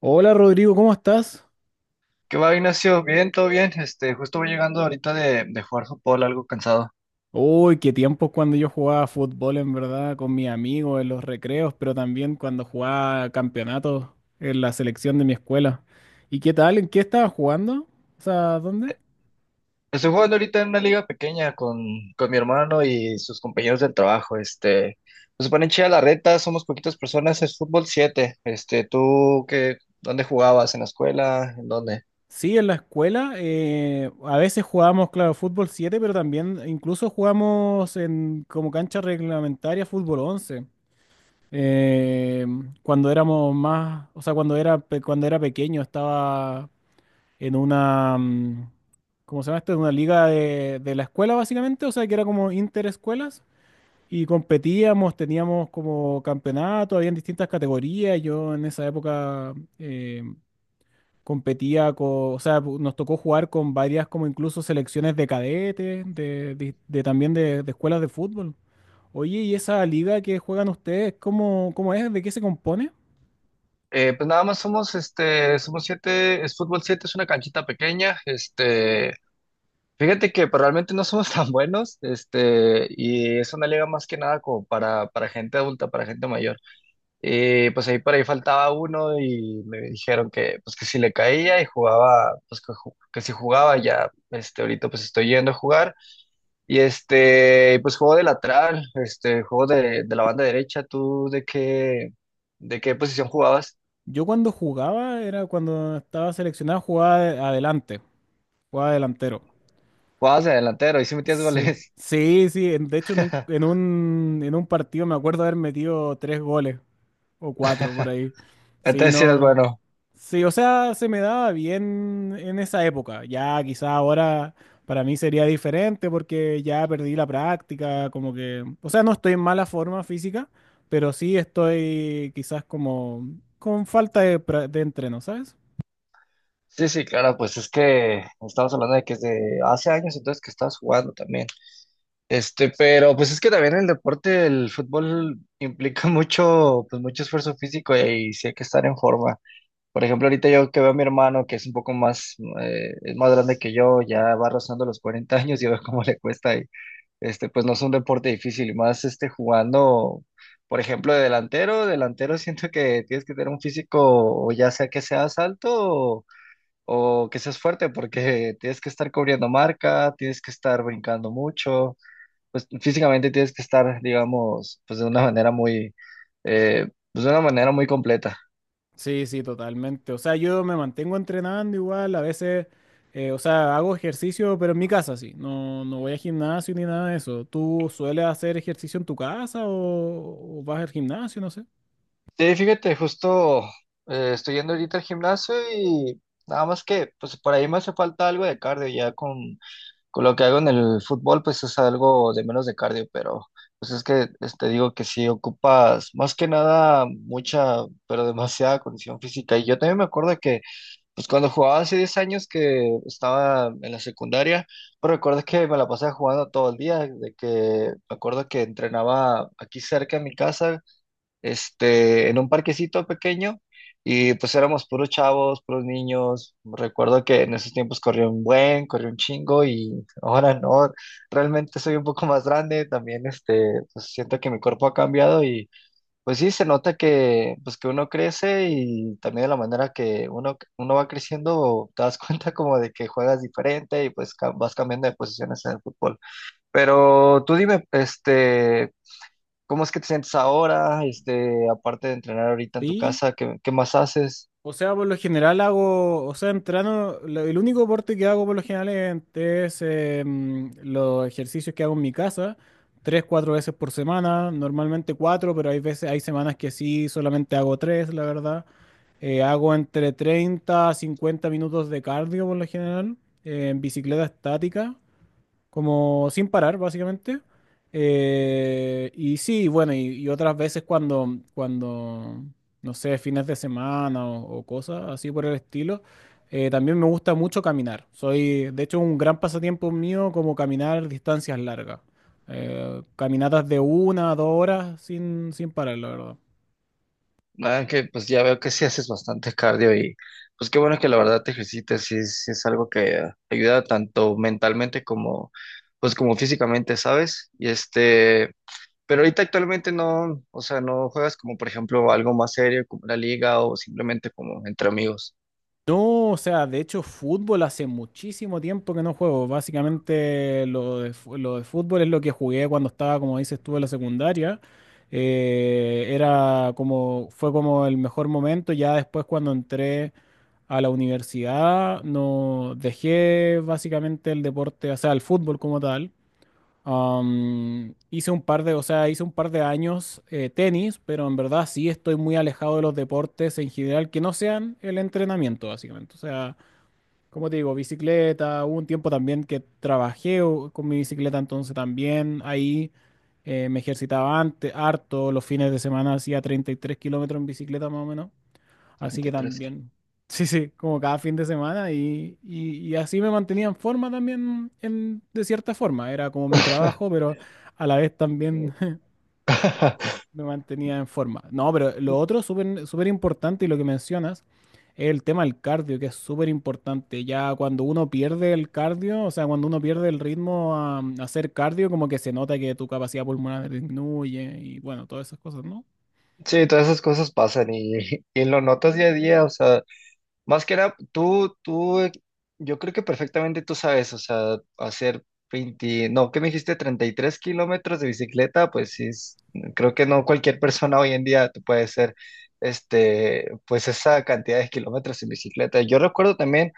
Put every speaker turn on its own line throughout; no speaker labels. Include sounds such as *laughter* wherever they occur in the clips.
Hola Rodrigo, ¿cómo estás?
¿Qué va, Ignacio? Bien, todo bien. Justo voy llegando ahorita de jugar fútbol, algo cansado.
Uy, qué tiempos cuando yo jugaba fútbol en verdad con mis amigos en los recreos, pero también cuando jugaba campeonatos en la selección de mi escuela. ¿Y qué tal? ¿En qué estabas jugando? O sea, ¿dónde?
Estoy jugando ahorita en una liga pequeña con mi hermano y sus compañeros del trabajo. Nos ponen chida la reta, somos poquitas personas, es fútbol 7. ¿Tú qué, dónde jugabas? ¿En la escuela? ¿En dónde?
Sí, en la escuela. A veces jugábamos, claro, fútbol 7, pero también incluso jugamos en como cancha reglamentaria fútbol 11. Eh, Cuando éramos más, o sea, cuando era, cuando era pequeño estaba en una, ¿cómo se llama esto? En una liga de la escuela, básicamente, o sea, que era como interescuelas. Y competíamos, teníamos como campeonato, habían distintas categorías. Yo en esa época competía con, o sea, nos tocó jugar con varias como incluso selecciones de cadetes, de también de escuelas de fútbol. Oye, ¿y esa liga que juegan ustedes, cómo es? ¿De qué se compone?
Pues nada más somos, somos siete, es fútbol 7, es una canchita pequeña. Fíjate que pues, realmente no somos *laughs* tan buenos. Y es una liga más que nada como para gente adulta, para gente mayor. Y pues ahí por ahí faltaba uno y me dijeron que pues que si le caía y jugaba, pues que, que si jugaba ya, ahorita pues estoy yendo a jugar. Y pues juego de lateral, juego de la banda derecha. ¿Tú de qué posición jugabas?
Yo cuando jugaba, era cuando estaba seleccionado, adelante, jugaba delantero.
Jugabas de delantero y si metías
Sí,
goles.
sí, sí. De hecho,
*laughs*
en un partido me acuerdo haber metido tres goles o cuatro por ahí. Sí,
Entonces sí eras
no.
bueno.
Sí, o sea, se me daba bien en esa época. Ya quizá ahora para mí sería diferente porque ya perdí la práctica, como que, o sea, no estoy en mala forma física, pero sí estoy quizás como con falta de, de entreno, ¿sabes?
Sí, sí, claro, pues es que estamos hablando de que desde hace años entonces que estabas jugando también. Pero pues es que también el deporte, el fútbol implica *laughs* mucho, pues mucho esfuerzo físico y, sí hay que estar en forma. Por ejemplo, ahorita yo que veo a mi hermano que es un poco más, es más grande que yo, ya va rozando los 40 años *laughs* y veo cómo le cuesta. Y, pues no es un deporte difícil, y más jugando, por ejemplo, de delantero, delantero *laughs* siento que tienes que tener un físico, o ya sea que seas alto o que seas fuerte, porque tienes que estar cubriendo marca, tienes que estar brincando mucho, pues físicamente tienes que estar, digamos, pues de una manera muy, eh, pues de una manera muy completa.
Sí, sí, totalmente. O sea, yo me mantengo entrenando igual, a veces, o sea, hago ejercicio, pero en mi casa sí. No, no voy a gimnasio ni nada de eso. ¿Tú sueles hacer ejercicio en tu casa o vas al gimnasio? No sé.
Sí, fíjate, justo estoy yendo ahorita al gimnasio y nada más que, pues por ahí me hace falta algo de cardio, ya con lo que hago en el fútbol, pues es algo de menos de cardio, pero pues es que te digo que sí ocupas más que nada mucha, pero demasiada condición física. Y yo también me acuerdo que pues cuando jugaba hace 10 años que estaba en la secundaria, pero recuerdo que me la pasaba jugando todo el día, de que me acuerdo que entrenaba aquí cerca de mi casa, en un parquecito pequeño, y pues éramos puros chavos, puros niños. Recuerdo que en esos tiempos corría un buen, corría un chingo, y ahora no, realmente soy un poco más grande, también pues siento que mi cuerpo ha cambiado, pues sí, se nota que, pues que uno crece y también de la manera que uno, uno va creciendo, te das *laughs* cuenta como de que juegas diferente y pues vas cambiando de posiciones en el fútbol. Pero tú dime, ¿cómo es que te sientes ahora? Aparte de entrenar ahorita en tu
Sí.
casa, ¿qué, qué más haces?
O sea, por lo general hago, o sea, entreno, el único deporte que hago por lo general es, los ejercicios que hago en mi casa, tres, cuatro veces por semana, normalmente cuatro, pero hay veces, hay semanas que sí, solamente hago tres, la verdad. Hago entre 30 a 50 minutos de cardio por lo general, en bicicleta estática, como sin parar básicamente. Y sí, bueno, y otras veces cuando, no sé, fines de semana o cosas así por el estilo, también me gusta mucho caminar. Soy, de hecho, un gran pasatiempo mío como caminar distancias largas. Caminatas de una a dos horas sin, sin parar, la verdad.
Ah, que pues ya veo que sí haces bastante cardio y pues qué bueno que la verdad te ejercites, sí es algo que ayuda tanto mentalmente como, pues como físicamente, ¿sabes? Pero ahorita actualmente no, o sea, no juegas como, por ejemplo, algo más serio como la liga o simplemente como entre amigos,
No, o sea, de hecho, fútbol hace muchísimo tiempo que no juego. Básicamente, lo de fútbol es lo que jugué cuando estaba, como dices tú, en la secundaria. Era como, fue como el mejor momento. Ya después, cuando entré a la universidad, no dejé básicamente el deporte, o sea, el fútbol como tal. Hice un par de, o sea, hice un par de años tenis, pero en verdad sí estoy muy alejado de los deportes en general que no sean el entrenamiento, básicamente. O sea, como te digo, bicicleta, hubo un tiempo también que trabajé con mi bicicleta, entonces también ahí me ejercitaba antes, harto, los fines de semana hacía 33 kilómetros en bicicleta más o menos. Así que
entre tres.
también, sí, sí, como cada fin de semana y así me mantenía en forma también, en, de cierta forma. Era como mi trabajo,
*laughs*
pero a la vez también *laughs* me mantenía en forma. No, pero lo otro súper súper importante y lo que mencionas es el tema del cardio, que es súper importante. Ya cuando uno pierde el cardio, o sea, cuando uno pierde el ritmo a hacer cardio, como que se nota que tu capacidad pulmonar disminuye y bueno, todas esas cosas, ¿no?
Sí, todas esas cosas pasan y lo notas día a día, o sea, más que nada, tú, yo creo que perfectamente tú sabes, o sea, hacer 20 no, ¿qué me dijiste? 33 kilómetros de bicicleta, pues sí, creo que no cualquier persona hoy en día te puede hacer, pues esa cantidad de kilómetros en bicicleta. Yo recuerdo también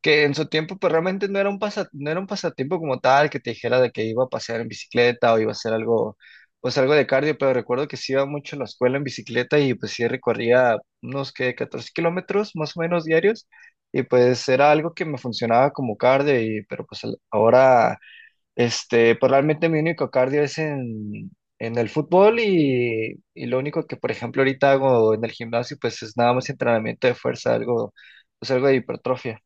que en su tiempo pues realmente no era un pasa, no era un pasatiempo como tal, que te dijera de que iba a pasear en bicicleta o iba a hacer algo, pues algo de cardio, pero recuerdo que sí iba mucho a la escuela en bicicleta y pues sí recorría unos que 14 kilómetros más o menos diarios y pues era algo que me funcionaba como cardio, y pero pues ahora, pues realmente mi único cardio es en el fútbol, y lo único que por ejemplo ahorita hago en el gimnasio pues es nada más entrenamiento de fuerza, algo, pues algo de hipertrofia.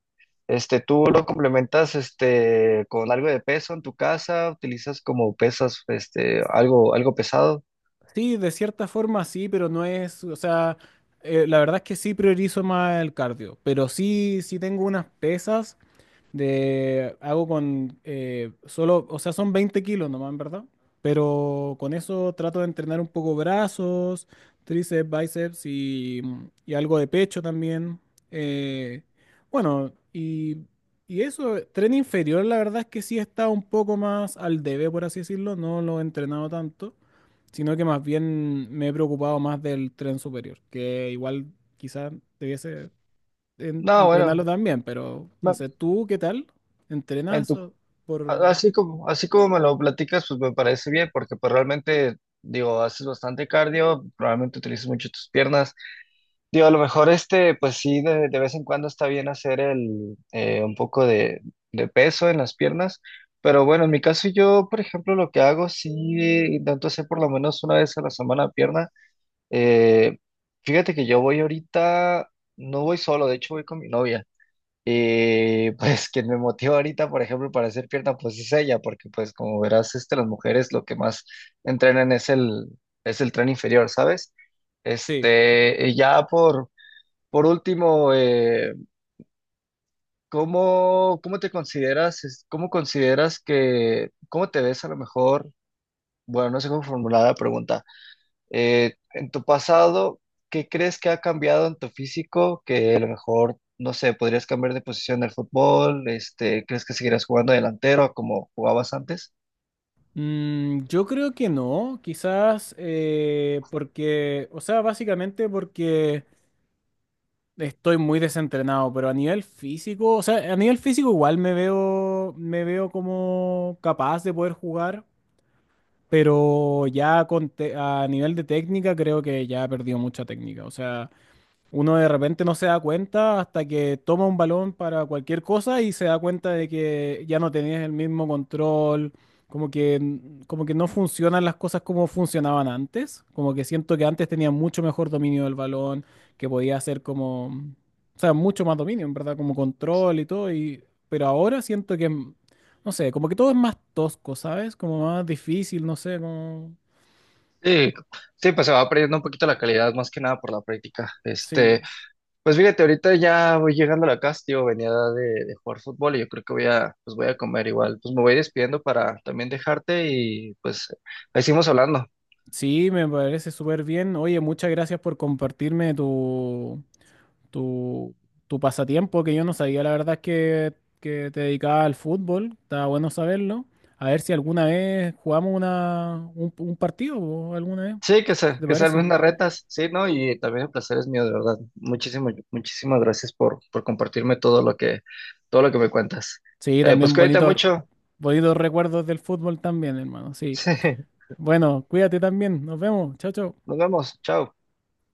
¿Tú lo complementas, con algo de peso en tu casa, utilizas como pesas, algo, algo pesado?
Sí, de cierta forma sí, pero no es, o sea, la verdad es que sí priorizo más el cardio, pero sí, sí tengo unas pesas de hago con solo, o sea, son 20 kilos nomás, en verdad. Pero con eso trato de entrenar un poco brazos, tríceps, bíceps y algo de pecho también. Eh, bueno, y eso, tren inferior, la verdad es que sí está un poco más al debe, por así decirlo. No lo he entrenado tanto, sino que más bien me he preocupado más del tren superior, que igual quizás debiese
No, bueno,
entrenarlo también, pero no
no,
sé, ¿tú qué tal?
en
¿Entrenas
tu,
o por...?
así como me lo platicas, pues me parece bien, porque pues realmente, digo, haces bastante cardio, probablemente utilizas mucho tus piernas. Digo, a lo mejor pues sí, de vez en cuando está bien hacer un poco de peso en las piernas. Pero bueno, en mi caso yo, por ejemplo, lo que hago, sí intento hacer por lo menos una vez a la semana pierna. Eh, Fíjate que yo voy ahorita, no voy solo, de hecho voy con mi novia. Y *laughs* pues quien me motiva ahorita, por ejemplo, para hacer pierna, pues es ella, porque pues como verás, las mujeres lo que más entrenan es es el tren inferior, ¿sabes?
Sí.
Y ya por último, ¿cómo, cómo te consideras, cómo consideras cómo te ves a lo mejor? Bueno, no sé cómo formular la pregunta. En tu pasado, ¿qué crees que ha cambiado en tu físico? Que a lo mejor, no sé, podrías cambiar de posición en el fútbol, ¿crees que seguirás jugando delantero como jugabas antes?
Yo creo que no, quizás porque, o sea, básicamente porque estoy muy desentrenado, pero a nivel físico, o sea, a nivel físico igual me veo como capaz de poder jugar, pero ya con a nivel de técnica creo que ya he perdido mucha técnica, o sea... Uno de repente no se da cuenta hasta que toma un balón para cualquier cosa y se da cuenta de que ya no tenías el mismo control, como que, como que no funcionan las cosas como funcionaban antes, como que siento que antes tenía mucho mejor dominio del balón, que podía hacer como, o sea, mucho más dominio, en verdad, como control y todo, pero ahora siento que, no sé, como que todo es más tosco, ¿sabes? Como más difícil, no sé, como...
Sí, sí, pues se va perdiendo un poquito la calidad, más que nada por la práctica.
Sí.
Pues fíjate, ahorita ya voy llegando a la casa, tío, venía de jugar fútbol y yo creo que voy a comer igual. Pues me voy despidiendo para también dejarte y pues ahí seguimos hablando.
Sí, me parece súper bien. Oye, muchas gracias por compartirme tu, tu pasatiempo, que yo no sabía, la verdad es que te dedicabas al fútbol. Está bueno saberlo. A ver si alguna vez jugamos un partido, po, alguna vez,
Sí, que
si
se,
¿te
que
parece?
salven unas retas, sí, ¿no? Y también el placer es mío, de verdad. Muchísimo, muchísimas gracias por compartirme todo lo que me cuentas.
Sí,
Pues
también
cuídate
bonito,
mucho. *laughs*
bonitos recuerdos del fútbol también, hermano. Sí.
Sí,
Bueno, cuídate también. Nos vemos. Chao, chao.
nos vemos. Chao.